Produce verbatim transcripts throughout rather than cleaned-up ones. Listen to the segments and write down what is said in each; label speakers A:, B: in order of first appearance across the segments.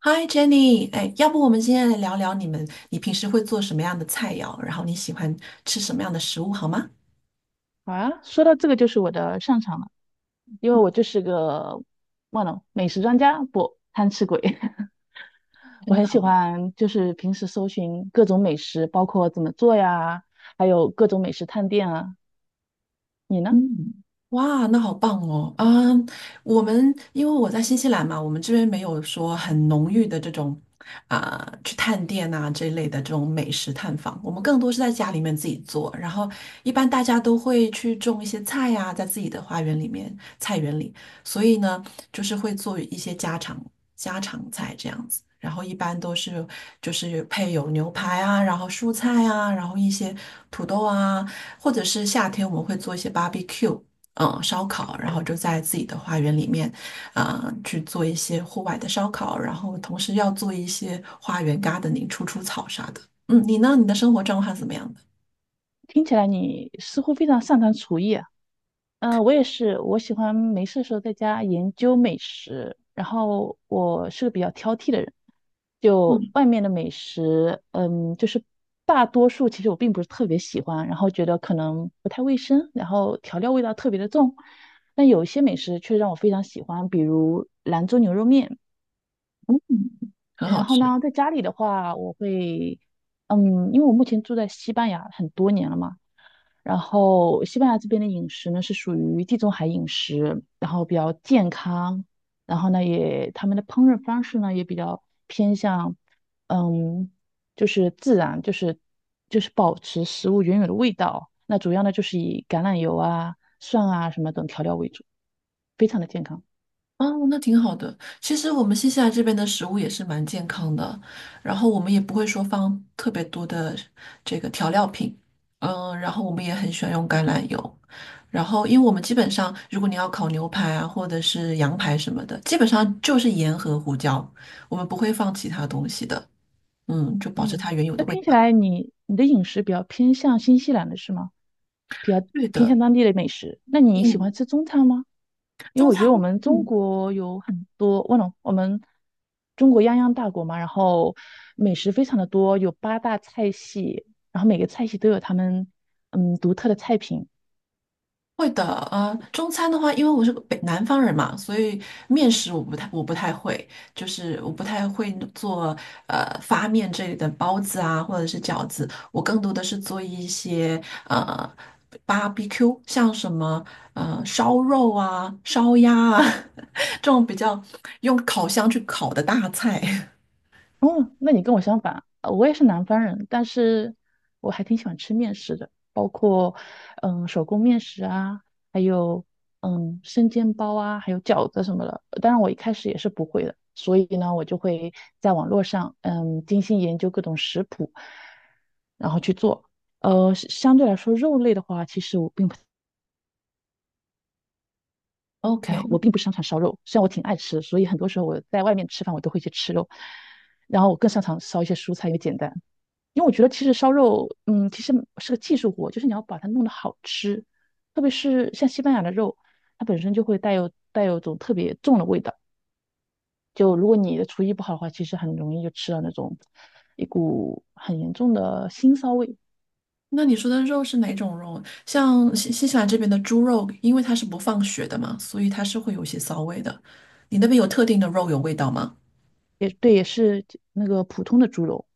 A: 嗨，Jenny，哎，要不我们今天来聊聊你们，你平时会做什么样的菜肴，然后你喜欢吃什么样的食物，好吗？
B: 好啊，说到这个就是我的擅长了，因为我就是个忘了美食专家，不，贪吃鬼。我
A: 真
B: 很
A: 的，
B: 喜欢就是平时搜寻各种美食，包括怎么做呀，还有各种美食探店啊。你呢？
A: 嗯，哇，那好棒哦！啊，我们因为我在新西兰嘛，我们这边没有说很浓郁的这种啊、去探店啊这一类的这种美食探访，我们更多是在家里面自己做。然后一般大家都会去种一些菜呀、在自己的花园里面、菜园里，所以呢，就是会做一些家常家常菜这样子。然后一般都是就是配有牛排啊，然后蔬菜啊，然后一些土豆啊。或者是夏天我们会做一些 barbecue，嗯，烧烤，然后就在自己的花园里面，啊、去做一些户外的烧烤，然后同时要做一些花园 gardening，除除草啥的。嗯，你呢？你的生活状况是怎么样的？
B: 听起来你似乎非常擅长厨艺啊。嗯，呃我也是，我喜欢没事的时候在家研究美食。然后我是个比较挑剔的人，就外面的美食，嗯，就是大多数其实我并不是特别喜欢，然后觉得可能不太卫生，然后调料味道特别的重。但有一些美食却让我非常喜欢，比如兰州牛肉面。
A: 嗯，很
B: 然
A: 好
B: 后
A: 吃。
B: 呢，在家里的话，我会，嗯，因为我目前住在西班牙很多年了嘛，然后西班牙这边的饮食呢是属于地中海饮食，然后比较健康，然后呢也他们的烹饪方式呢也比较偏向，嗯，就是自然，就是就是保持食物原有的味道，那主要呢就是以橄榄油啊、蒜啊什么等调料为主，非常的健康。
A: 哦，那挺好的。其实我们新西兰这边的食物也是蛮健康的，然后我们也不会说放特别多的这个调料品，嗯，然后我们也很喜欢用橄榄油，然后因为我们基本上如果你要烤牛排啊，或者是羊排什么的，基本上就是盐和胡椒，我们不会放其他东西的，嗯，就保持
B: 嗯，
A: 它原有
B: 那
A: 的味
B: 听起
A: 道。
B: 来你你的饮食比较偏向新西兰的是吗？比较
A: 对
B: 偏
A: 的，
B: 向当地的美食。那你喜
A: 嗯，
B: 欢吃中餐吗？因
A: 中
B: 为我
A: 餐，
B: 觉得我们中
A: 嗯。
B: 国有很多，我懂，我们中国泱泱大国嘛，然后美食非常的多，有八大菜系，然后每个菜系都有他们嗯独特的菜品。
A: 会的，呃，中餐的话，因为我是个北南方人嘛，所以面食我不太我不太会，就是我不太会做呃发面这类的包子啊，或者是饺子，我更多的是做一些呃 barbecue，像什么呃烧肉啊、烧鸭啊 这种比较用烤箱去烤的大菜。
B: 哦，那你跟我相反，呃我也是南方人，但是我还挺喜欢吃面食的，包括嗯手工面食啊，还有嗯生煎包啊，还有饺子什么的。当然，我一开始也是不会的，所以呢，我就会在网络上嗯精心研究各种食谱，然后去做。呃，是相对来说，肉类的话，其实我并不 太，我
A: OK。
B: 并不擅长烧肉。虽然我挺爱吃，所以很多时候我在外面吃饭，我都会去吃肉。然后我更擅长烧一些蔬菜，因为简单。因为我觉得其实烧肉，嗯，其实是个技术活，就是你要把它弄得好吃，特别是像西班牙的肉，它本身就会带有带有种特别重的味道。就如果你的厨艺不好的话，其实很容易就吃到那种一股很严重的腥骚味。
A: 那你说的肉是哪种肉？像新新西兰这边的猪肉，因为它是不放血的嘛，所以它是会有一些骚味的。你那边有特定的肉有味道吗？
B: 也对，也是那个普通的猪肉，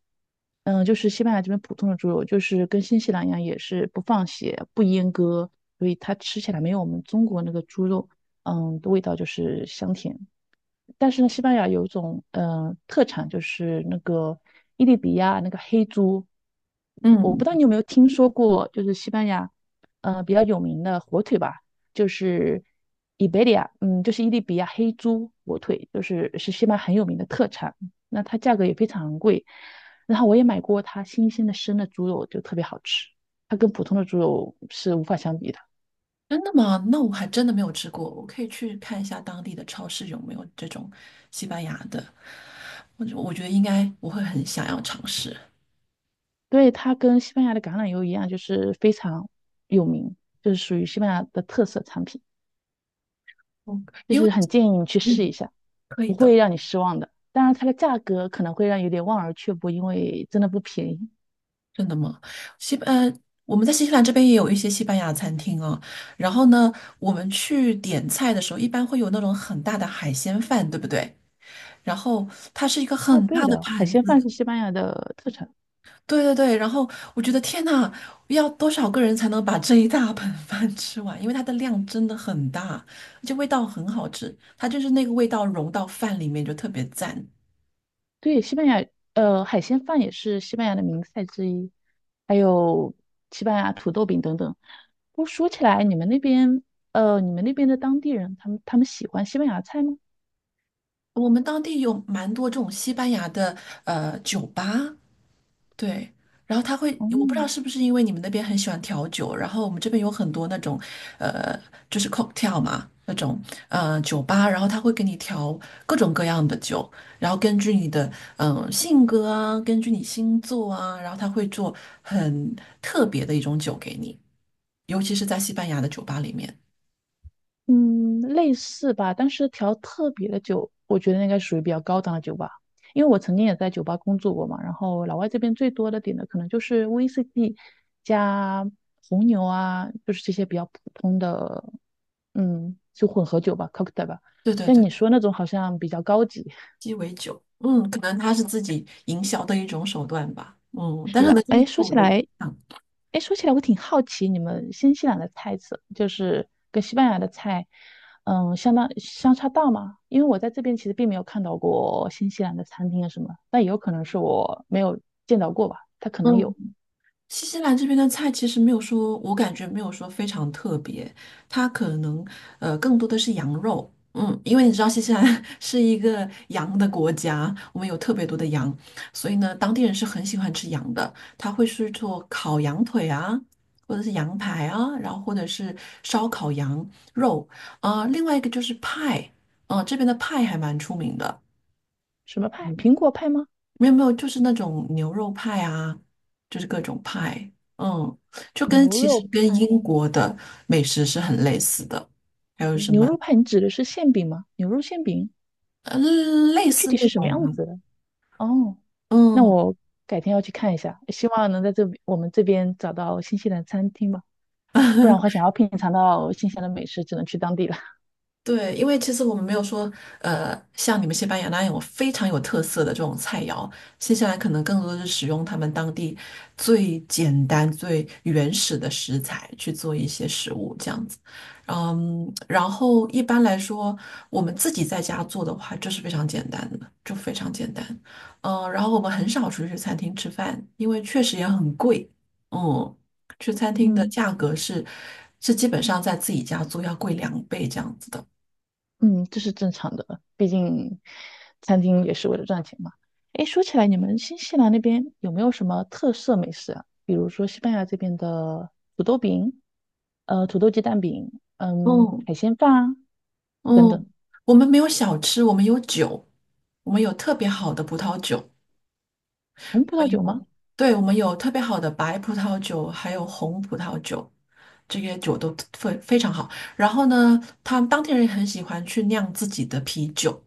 B: 嗯，就是西班牙这边普通的猪肉，就是跟新西兰一样，也是不放血、不阉割，所以它吃起来没有我们中国那个猪肉，嗯，的味道就是香甜。但是呢，西班牙有一种呃特产，就是那个伊利比亚那个黑猪，我不知
A: 嗯，
B: 道你有没有听说过，就是西班牙呃比较有名的火腿吧，就是伊贝利亚，嗯，就是伊利比亚黑猪火腿，就是是西班牙很有名的特产，那它价格也非常贵，然后我也买过它新鲜的生的猪肉，就特别好吃，它跟普通的猪肉是无法相比的。
A: 真的吗？那我还真的没有吃过，我可以去看一下当地的超市有没有这种西班牙的。我觉我觉得应该我会很想要尝试，
B: 对，它跟西班牙的橄榄油一样，就是非常有名，就是属于西班牙的特色产品，
A: 嗯
B: 就
A: 因为
B: 是很建议你去试
A: 嗯，
B: 一下。
A: 可以的。
B: 当然，它的价格可能会让有点望而却步，因为真的不便宜。
A: 真的吗？西班，呃，我们在新西兰这边也有一些西班牙餐厅啊。然后呢，我们去点菜的时候，一般会有那种很大的海鲜饭，对不对？然后它是一个
B: 啊，
A: 很
B: 对
A: 大的
B: 的，海
A: 盘
B: 鲜
A: 子，
B: 饭是西班牙的特产。
A: 对对对。然后我觉得天呐，要多少个人才能把这一大盆饭 吃完？因为它的量真的很大，而且味道很好吃，它就是那个味道融到饭里面就特别赞。
B: 对，西班牙，呃，海鲜饭也是西班牙的名菜之一，还有西班牙土豆饼等等。不过说起来，你们那边，呃，你们那边的当地人，他们他们喜欢西班牙菜吗？
A: 我们当地有蛮多这种西班牙的呃酒吧，对，然后他会，
B: 哦、
A: 我不知道是不是因为你们那边很喜欢调酒，然后我们这边有很多那种，呃，就是 cocktail 嘛，那种呃酒吧，然后他会给你调各种各样的酒，然后根据你的嗯、呃性格啊，根据你星座啊，然后他会做很特别的一种酒给你，尤其是在西班牙的酒吧里面。
B: 嗯，类似吧，但是调特别的酒，我觉得应该属于比较高档的酒吧，因为我曾经也在酒吧工作过嘛。然后老外这边最多的点的可能就是 V C D 加红牛啊，就是这些比较普通的，嗯，就混合酒吧，cocktail 吧。
A: 对对
B: 像
A: 对，
B: 你说那种好像比较高级。
A: 鸡尾酒，嗯，可能它是自己营销的一种手段吧，嗯，但
B: 是
A: 是呢，
B: 啊，
A: 就是
B: 哎，
A: 对
B: 说
A: 我
B: 起
A: 的影
B: 来，
A: 响。
B: 哎，说起来我挺好奇，你们新西兰的菜色就是跟西班牙的菜，嗯，相当相差大吗？因为我在这边其实并没有看到过新西兰的餐厅啊什么，但也有可能是我没有见到过吧。它可
A: 嗯
B: 能有
A: 新西兰这边的菜其实没有说，我感觉没有说非常特别，它可能呃更多的是羊肉，嗯，因为你知道新西兰 是一个羊的国家，我们有特别多的羊，所以呢，当地人是很喜欢吃羊的，他会去做烤羊腿啊，或者是羊排啊，然后或者是烧烤羊肉，啊、另外一个就是派，嗯、这边的派还蛮出名的。
B: 什么派？苹
A: 嗯。
B: 果派吗？
A: 没有没有，就是那种牛肉派啊，就是各种派，嗯，就跟
B: 牛
A: 其实
B: 肉
A: 跟
B: 派？
A: 英国的美食是很类似的，还有什
B: 牛
A: 么
B: 肉派？你指的是馅饼吗？牛肉馅饼
A: 呃类
B: 具
A: 似
B: 体
A: 那
B: 是什么
A: 种
B: 样
A: 的，
B: 子的？哦，那
A: 嗯。
B: 我改天要去看一下，希望能在这我们这边找到新西兰餐厅吧，不然的话想要品尝到新西兰的美食，只能去当地了。
A: 对，因为其实我们没有说，呃，像你们西班牙那样有非常有特色的这种菜肴，新西兰可能更多的是使用他们当地最简单、最原始的食材去做一些食物这样子。嗯，然后一般来说，我们自己在家做的话，就是非常简单的，就非常简单。嗯，然后我们很少出去餐厅吃饭，因为确实也很贵。嗯，去餐 厅的
B: 嗯。
A: 价格是是基本上在自己家做要贵两倍这样子的。
B: 嗯，这是正常的，毕竟餐厅也是为了赚钱嘛。诶，说起来，你们新西兰那边有没有什么特色美食啊？比如说西班牙这边的土豆饼，呃，土豆鸡蛋饼，嗯，
A: 嗯
B: 海鲜饭啊，等
A: 嗯，
B: 等。
A: 我们没有小吃，我们有酒，我们有特别好的葡萄酒，
B: 红
A: 我
B: 葡
A: 们
B: 萄酒吗？
A: 有，对，我们有特别好的白葡萄酒，还有红葡萄酒，这些酒都非非常好。然后呢，他们当地人也很喜欢去酿自己的啤酒，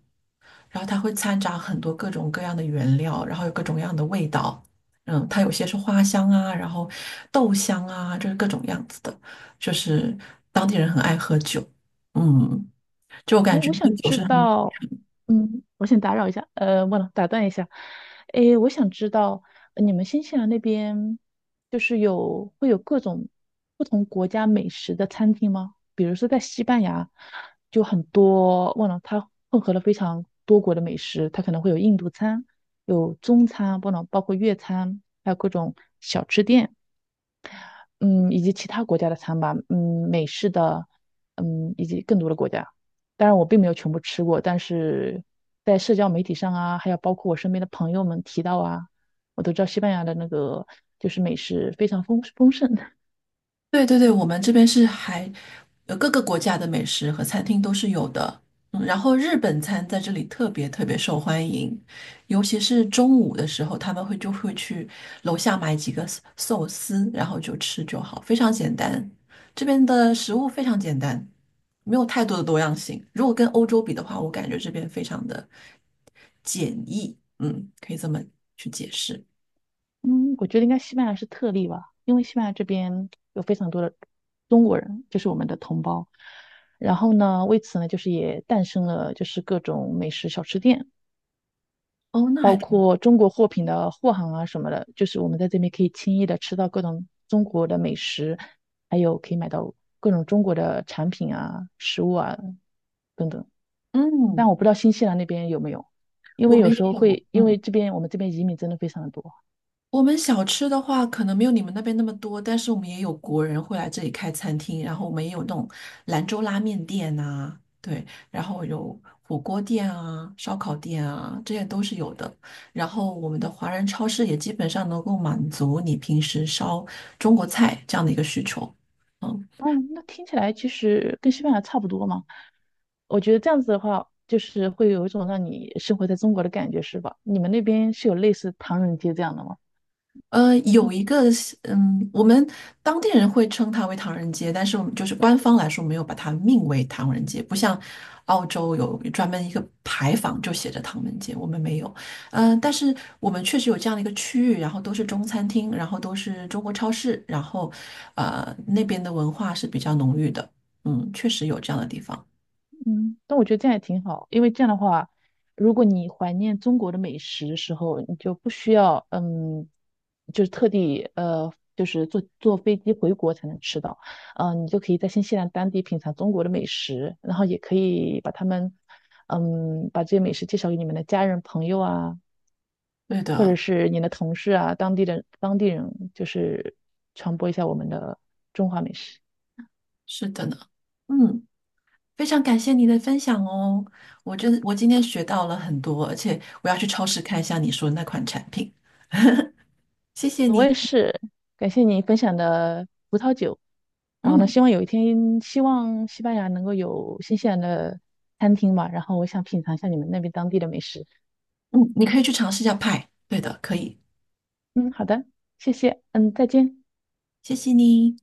A: 然后它会掺杂很多各种各样的原料，然后有各种各样的味道。嗯，它有些是花香啊，然后豆香啊，就是各种样子的，就是当地人很爱喝酒。嗯。就我感
B: 哎，
A: 觉
B: 我
A: 就
B: 想
A: 酒
B: 知
A: 是很，
B: 道，嗯，我先打扰一下，呃，忘了打断一下，哎，我想知道呃你们新西兰那边就是有会有各种不同国家美食的餐厅吗？比如说在西班牙，就很多，忘了它混合了非常多国的美食，它可能会有印度餐，有中餐，不能包括粤餐，还有各种小吃店。嗯，以及其他国家的餐吧，嗯，美式的，嗯，以及更多的国家。当然，我并没有全部吃过，但是在社交媒体上啊，还有包括我身边的朋友们提到啊，我都知道西班牙的那个就是美食非常丰丰盛。
A: 对对对，我们这边是还，呃，各个国家的美食和餐厅都是有的。嗯，然后日本餐在这里特别特别受欢迎，尤其是中午的时候，他们会就会去楼下买几个寿寿司，然后就吃就好，非常简单。这边的食物非常简单，没有太多的多样性。如果跟欧洲比的话，我感觉这边非常的简易，嗯，可以这么去解释。
B: 嗯，我觉得应该西班牙是特例吧，因为西班牙这边有非常多的中国人，就是我们的同胞。然后呢，为此呢，就是也诞生了就是各种美食小吃店。
A: 哦，那还
B: 包
A: 挺，
B: 括中国货品的货行啊什么的，就是我们在这边可以轻易的吃到各种中国的美食，还有可以买到各种中国的产品啊、食物啊等等。但
A: 嗯，
B: 我不知道新西兰那边有没有，因
A: 我
B: 为有
A: 们也
B: 时候
A: 有，
B: 会，因
A: 嗯。
B: 为这边我们这边移民真的非常的多。
A: 我们小吃的话，可能没有你们那边那么多，但是我们也有国人会来这里开餐厅，然后我们也有那种兰州拉面店啊，对，然后有火锅店啊、烧烤店啊，这些都是有的。然后我们的华人超市也基本上能够满足你平时烧中国菜这样的一个需求。嗯。
B: 嗯，那听起来其实跟西班牙差不多嘛。我觉得这样子的话，就是会有一种让你生活在中国的感觉，是吧？你们那边是有类似唐人街这样的吗？
A: 呃，有
B: 嗯
A: 一个是嗯，我们当地人会称它为唐人街，但是我们就是官方来说没有把它命为唐人街，不像澳洲有专门一个牌坊就写着唐人街，我们没有。呃，但是我们确实有这样的一个区域，然后都是中餐厅，然后都是中国超市，然后呃那边的文化是比较浓郁的，嗯，确实有这样的地方。
B: 嗯，但我觉得这样也挺好，因为这样的话，如果你怀念中国的美食的时候，你就不需要嗯，就是特地呃，就是坐坐飞机回国才能吃到，嗯，你就可以在新西兰当地品尝中国的美食，然后也可以把他们嗯，把这些美食介绍给你们的家人朋友啊，
A: 对
B: 或者
A: 的，
B: 是你的同事啊，当地的当地人，就是传播一下我们的中华美食。
A: 是的呢，嗯。非常感谢你的分享哦，我真我今天学到了很多，而且我要去超市看一下你说的那款产品，谢谢
B: 我
A: 你。
B: 也是，感谢你分享的葡萄酒。然后呢，
A: 嗯
B: 希望有一天，希望西班牙能够有新西兰的餐厅吧。然后我想品尝一下你们那边当地的美食。
A: 嗯，你可以去尝试一下派，对的，可以，
B: 嗯，好的，谢谢。嗯，再见。
A: 谢谢你。